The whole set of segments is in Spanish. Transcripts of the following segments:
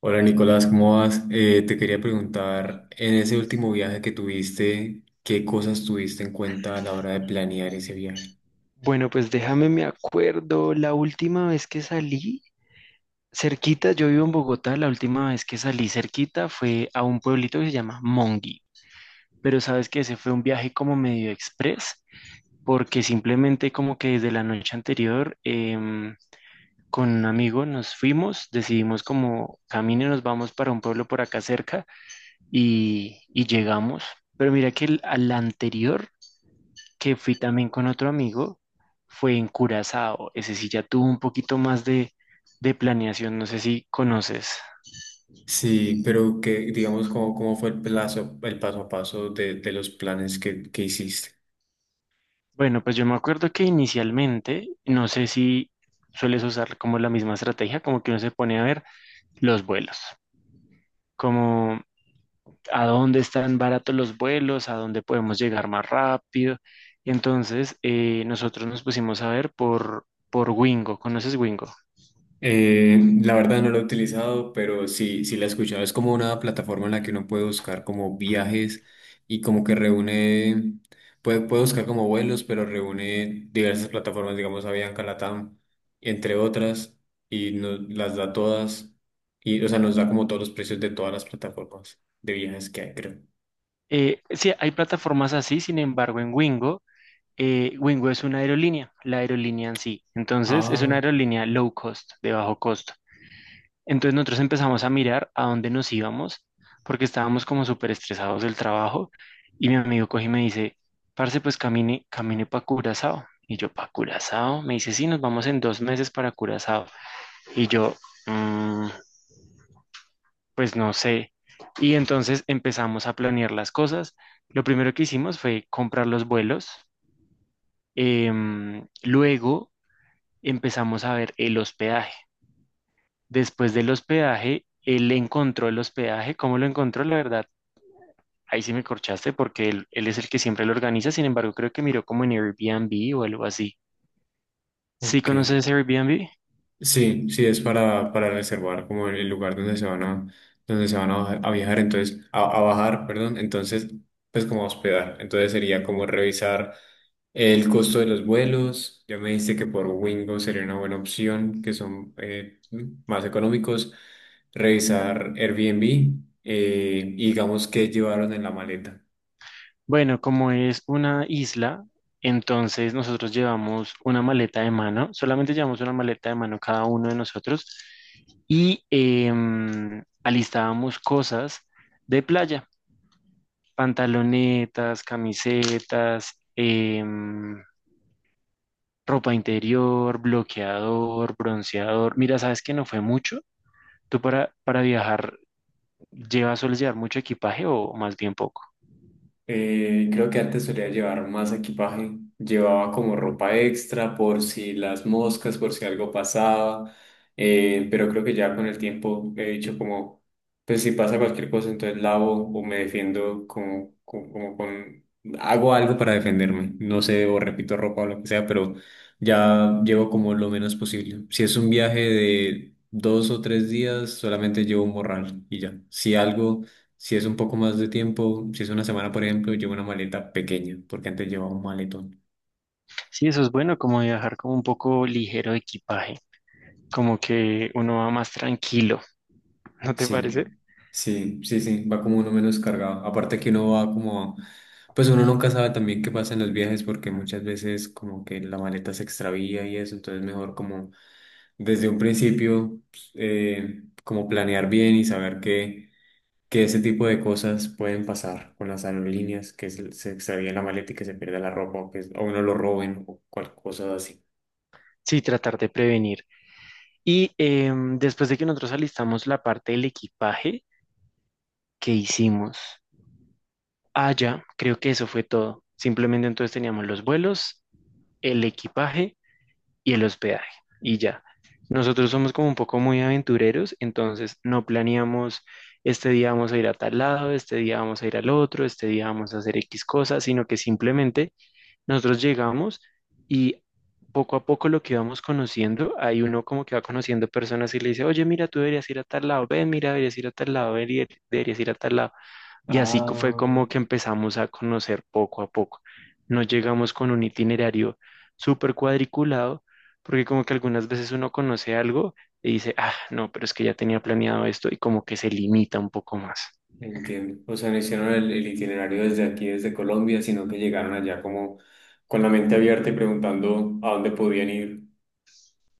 Hola Nicolás, ¿cómo vas? Te quería preguntar, en ese último viaje que tuviste, ¿qué cosas tuviste en cuenta a la hora de planear ese viaje? Bueno, pues déjame, me acuerdo, la última vez que salí cerquita, yo vivo en Bogotá, la última vez que salí cerquita fue a un pueblito que se llama Mongi, pero sabes que ese fue un viaje como medio express, porque simplemente como que desde la noche anterior con un amigo nos fuimos, decidimos como camino nos vamos para un pueblo por acá cerca y llegamos, pero mira que al anterior que fui también con otro amigo fue en Curazao. Ese sí ya tuvo un poquito más de planeación, no sé si conoces. Sí, pero que digamos, ¿cómo fue el plazo, el paso a paso de los planes que hiciste? Bueno, pues yo me acuerdo que inicialmente, no sé si sueles usar como la misma estrategia, como que uno se pone a ver los vuelos, como a dónde están baratos los vuelos, a dónde podemos llegar más rápido. Entonces, nosotros nos pusimos a ver por Wingo. ¿Conoces Wingo? La verdad no lo he utilizado, pero sí, sí la he escuchado. Es como una plataforma en la que uno puede buscar como viajes y como que reúne, puede buscar como vuelos, pero reúne diversas plataformas, digamos Avianca, Latam, entre otras, y nos las da todas, y o sea, nos da como todos los precios de todas las plataformas de viajes que hay, creo. Sí, hay plataformas así, sin embargo, en Wingo Wingo es una aerolínea, la aerolínea en sí. Entonces, es una Ah, aerolínea low cost, de bajo costo. Entonces, nosotros empezamos a mirar a dónde nos íbamos, porque estábamos como súper estresados del trabajo. Y mi amigo coge y me dice, parce, pues camine, camine para Curazao. Y yo, ¿para Curazao? Me dice, sí, nos vamos en dos meses para Curazao. Y yo, "Mm, pues no sé. Y entonces empezamos a planear las cosas. Lo primero que hicimos fue comprar los vuelos. Luego empezamos a ver el hospedaje. Después del hospedaje, él encontró el hospedaje. ¿Cómo lo encontró? La verdad, ahí sí me corchaste porque él es el que siempre lo organiza. Sin embargo, creo que miró como en Airbnb o algo así. ¿Sí ok. conoces Airbnb? Sí, sí, es para reservar como el lugar donde se van a, donde se van a, bajar- a viajar, entonces, a bajar, perdón, entonces, pues como a hospedar. Entonces sería como revisar el costo de los vuelos. Ya me dijiste que por Wingo sería una buena opción, que son más económicos. Revisar Airbnb y digamos qué llevaron en la maleta. Bueno, como es una isla, entonces nosotros llevamos una maleta de mano. Solamente llevamos una maleta de mano cada uno de nosotros y alistábamos cosas de playa. Pantalonetas, camisetas, ropa interior, bloqueador, bronceador. Mira, ¿sabes que no fue mucho? ¿Tú para viajar llevas, sueles llevar mucho equipaje o más bien poco? Creo que antes solía llevar más equipaje. Llevaba como ropa extra por si las moscas, por si algo pasaba. Pero creo que ya con el tiempo he dicho como, pues si pasa cualquier cosa, entonces lavo o me defiendo como con... Hago algo para defenderme. No sé, o repito ropa o lo que sea, pero ya llevo como lo menos posible. Si es un viaje de 2 o 3 días, solamente llevo un morral y ya. Si algo... Si es un poco más de tiempo, si es una semana, por ejemplo, llevo una maleta pequeña, porque antes llevaba un maletón. Sí, eso es bueno, como viajar como un poco ligero de equipaje, como que uno va más tranquilo, ¿no te parece? Sí, sí, sí, sí, va como uno menos cargado. Aparte que uno va como, pues uno nunca sabe también qué pasa en los viajes, porque muchas veces como que la maleta se extravía y eso, entonces mejor como desde un principio, pues, como planear bien y saber que ese tipo de cosas pueden pasar con las aerolíneas, que se extravía la maleta y que se pierda la ropa, o que o uno lo roben o cual cosa. Sí, tratar de prevenir. Y después de que nosotros alistamos la parte del equipaje, ¿qué hicimos? Ah, ya, creo que eso fue todo. Simplemente entonces teníamos los vuelos, el equipaje y el hospedaje. Y ya. Nosotros somos como un poco muy aventureros, entonces no planeamos este día vamos a ir a tal lado, este día vamos a ir al otro, este día vamos a hacer X cosas, sino que simplemente nosotros llegamos y poco a poco lo que vamos conociendo, hay uno como que va conociendo personas y le dice, oye, mira, tú deberías ir a tal lado, ven, mira, deberías ir a tal lado, ven, deberías ir a tal lado. Y así fue como Ah, que empezamos a conocer poco a poco. No llegamos con un itinerario súper cuadriculado, porque como que algunas veces uno conoce algo y dice, ah, no, pero es que ya tenía planeado esto y como que se limita un poco más. entiendo. O sea, no hicieron el itinerario desde aquí, desde Colombia, sino que llegaron allá como con la mente abierta y preguntando a dónde podían ir.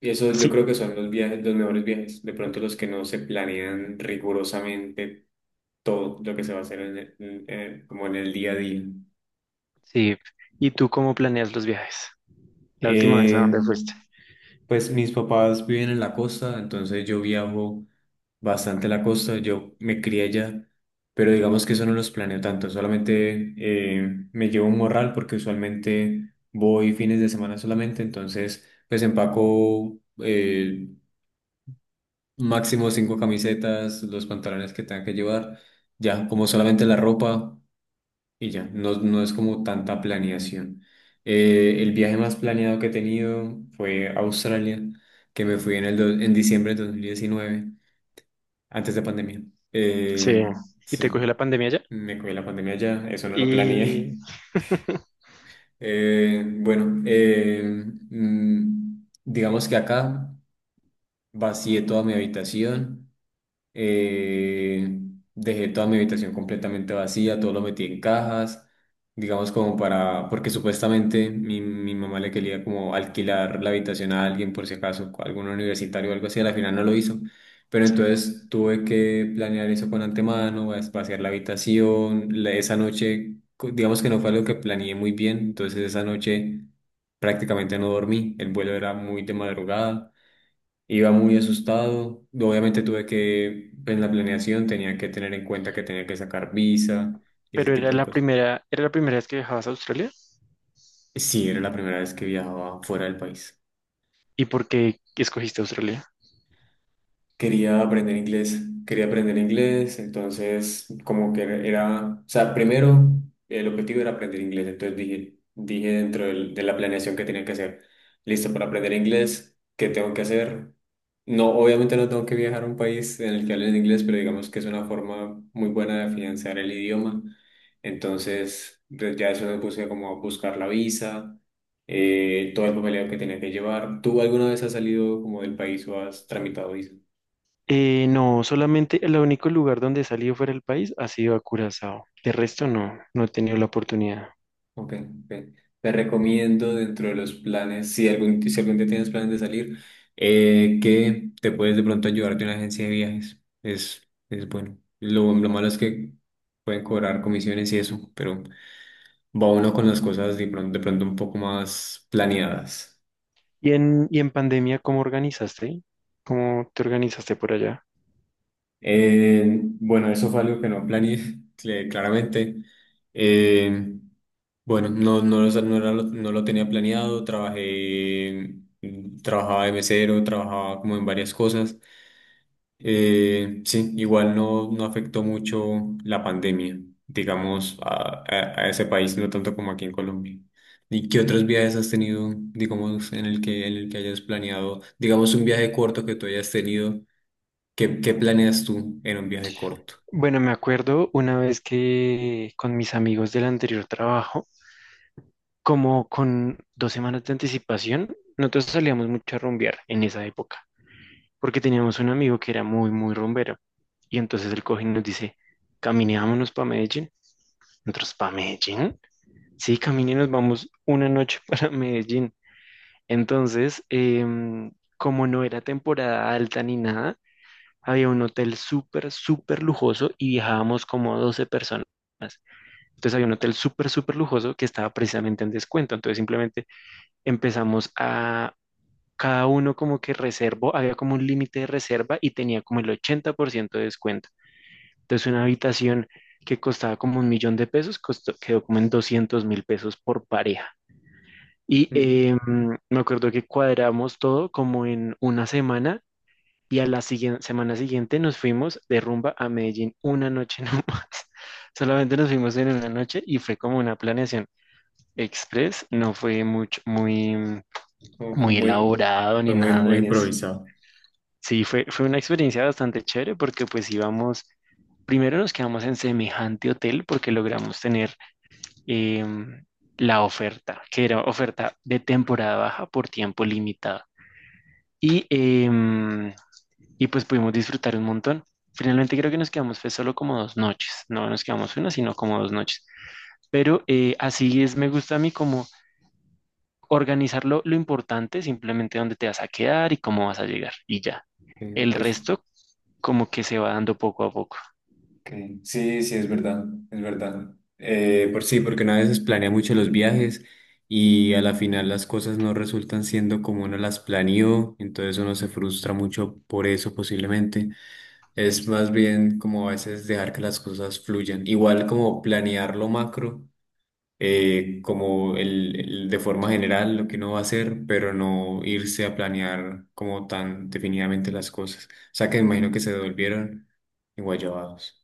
Y eso yo Sí, creo que son los viajes, los mejores viajes. De pronto los que no se planean rigurosamente todo lo que se va a hacer en como en el día a día. sí. ¿Y tú cómo planeas los viajes? La última vez a Eh, dónde fuiste. Pues mis papás viven en la costa, entonces yo viajo bastante a la costa, yo me crié allá, pero digamos que eso no los planeo tanto, solamente me llevo un morral porque usualmente voy fines de semana solamente, entonces pues empaco máximo cinco camisetas, los pantalones que tenga que llevar, ya como solamente la ropa y ya, no, no es como tanta planeación. El viaje más planeado que he tenido fue a Australia, que me fui en diciembre de 2019 antes de pandemia. Eh, Sí. Y te cogió sí, la pandemia ya. me cogí la pandemia ya, eso no lo planeé. Y... bueno, digamos que acá vacié toda mi habitación. Eh, dejé toda mi habitación completamente vacía, todo lo metí en cajas, digamos como para, porque supuestamente mi mamá le quería como alquilar la habitación a alguien por si acaso, a algún universitario o algo así, a la final no lo hizo. Pero sí. entonces tuve que planear eso con antemano, vaciar la habitación, esa noche, digamos que no fue algo que planeé muy bien, entonces esa noche prácticamente no dormí, el vuelo era muy de madrugada. Iba muy asustado. Obviamente tuve que, en la planeación tenía que tener en cuenta que tenía que sacar visa y ese Pero tipo de cosas. Era la primera vez que viajabas a Australia. Sí, era la primera vez que viajaba fuera del país. ¿Y por qué escogiste Australia? Quería aprender inglés, quería aprender inglés, entonces como que era, o sea, primero el objetivo era aprender inglés, entonces dije, dije de la planeación que tenía que hacer, listo para aprender inglés, ¿qué tengo que hacer? No, obviamente no tengo que viajar a un país en el que hablen inglés, pero digamos que es una forma muy buena de afianzar el idioma, entonces ya eso me puse como a buscar la visa, todo el papeleo que tenía que llevar. ¿Tú alguna vez has salido como del país o has tramitado visa? No, solamente el único lugar donde he salido fuera del país ha sido a Curazao. De resto no, no he tenido la oportunidad. Ok, ok. Te recomiendo dentro de los planes, si algún, si algún día tienes planes de salir, que te puedes de pronto ayudar de una agencia de viajes. Es bueno. Lo malo es que pueden cobrar comisiones y eso, pero va uno con las cosas de pronto un poco más planeadas. Y en pandemia cómo organizaste? ¿Cómo te organizaste por allá? Bueno, eso fue algo que no planeé, claramente. Eh, Bueno, no, no, no, era no lo tenía planeado, trabajaba de mesero, trabajaba como en varias cosas. Sí, igual no, no afectó mucho la pandemia, digamos, a ese país, no tanto como aquí en Colombia. ¿Y qué otros viajes has tenido, digamos, en el que hayas planeado, digamos, un viaje corto que tú hayas tenido? ¿Qué planeas tú en un viaje corto? Bueno, me acuerdo una vez que con mis amigos del anterior trabajo, como con dos semanas de anticipación, nosotros salíamos mucho a rumbear en esa época, porque teníamos un amigo que era muy, muy rumbero. Y entonces el coge y nos dice, caminémonos para Medellín. Nosotros, ¿para Medellín? Sí, caminé y nos vamos una noche para Medellín. Entonces, como no era temporada alta ni nada, había un hotel súper, súper lujoso y viajábamos como 12 personas. Entonces había un hotel súper, súper lujoso que estaba precisamente en descuento. Entonces simplemente empezamos a cada uno como que reservó, había como un límite de reserva y tenía como el 80% de descuento. Entonces una habitación que costaba como un millón de pesos costó, quedó como en 200 mil pesos por pareja. Y Mm, me acuerdo que cuadramos todo como en una semana y a la siguiente, semana siguiente nos fuimos de rumba a Medellín una noche nomás. Solamente nos fuimos en una noche y fue como una planeación express, no fue mucho, muy, como muy elaborado ni fue muy, nada muy de eso. improvisado. Sí, fue, fue una experiencia bastante chévere porque pues íbamos, primero nos quedamos en semejante hotel porque logramos tener em, la oferta, que era oferta de temporada baja por tiempo limitado. Y, y pues pudimos disfrutar un montón. Finalmente creo que nos quedamos fue solo como dos noches, no nos quedamos una, sino como dos noches. Pero así es, me gusta a mí como organizar lo importante, simplemente dónde te vas a quedar y cómo vas a llegar y ya. Sí, El resto como que se va dando poco a poco. ok. Sí, sí, es verdad, es verdad. Por sí, porque una vez planea mucho los viajes y a la final las cosas no resultan siendo como uno las planeó, entonces uno se frustra mucho por eso posiblemente. Es más bien como a veces dejar que las cosas fluyan. Igual como planear lo macro, como de forma general lo que uno va a hacer, pero no irse a planear como tan definidamente las cosas. O sea que me imagino que se volvieron enguayabados.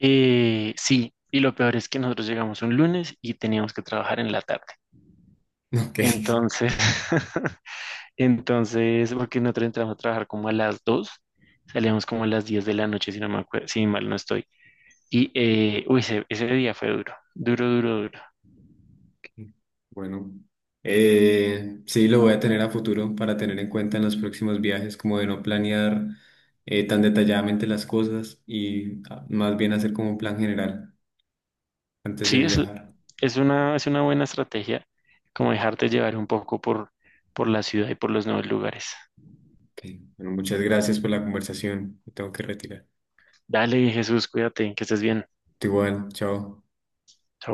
Sí, y lo peor es que nosotros llegamos un lunes y teníamos que trabajar en la tarde. Ok. Entonces, entonces, porque nosotros entramos a trabajar como a las 2, salíamos como a las 10 de la noche, si no me acuerdo, si mal no estoy. Y, uy, ese día fue duro, duro, duro, duro. Bueno, sí, lo voy a tener a futuro para tener en cuenta en los próximos viajes, como de no planear tan detalladamente las cosas y ah, más bien hacer como un plan general antes de Sí, viajar. Es una buena estrategia, como dejarte llevar un poco por la ciudad y por los nuevos lugares. Ok, bueno, muchas gracias por la conversación. Me tengo que retirar. Dale, Jesús, cuídate, que estés bien. Igual, chao.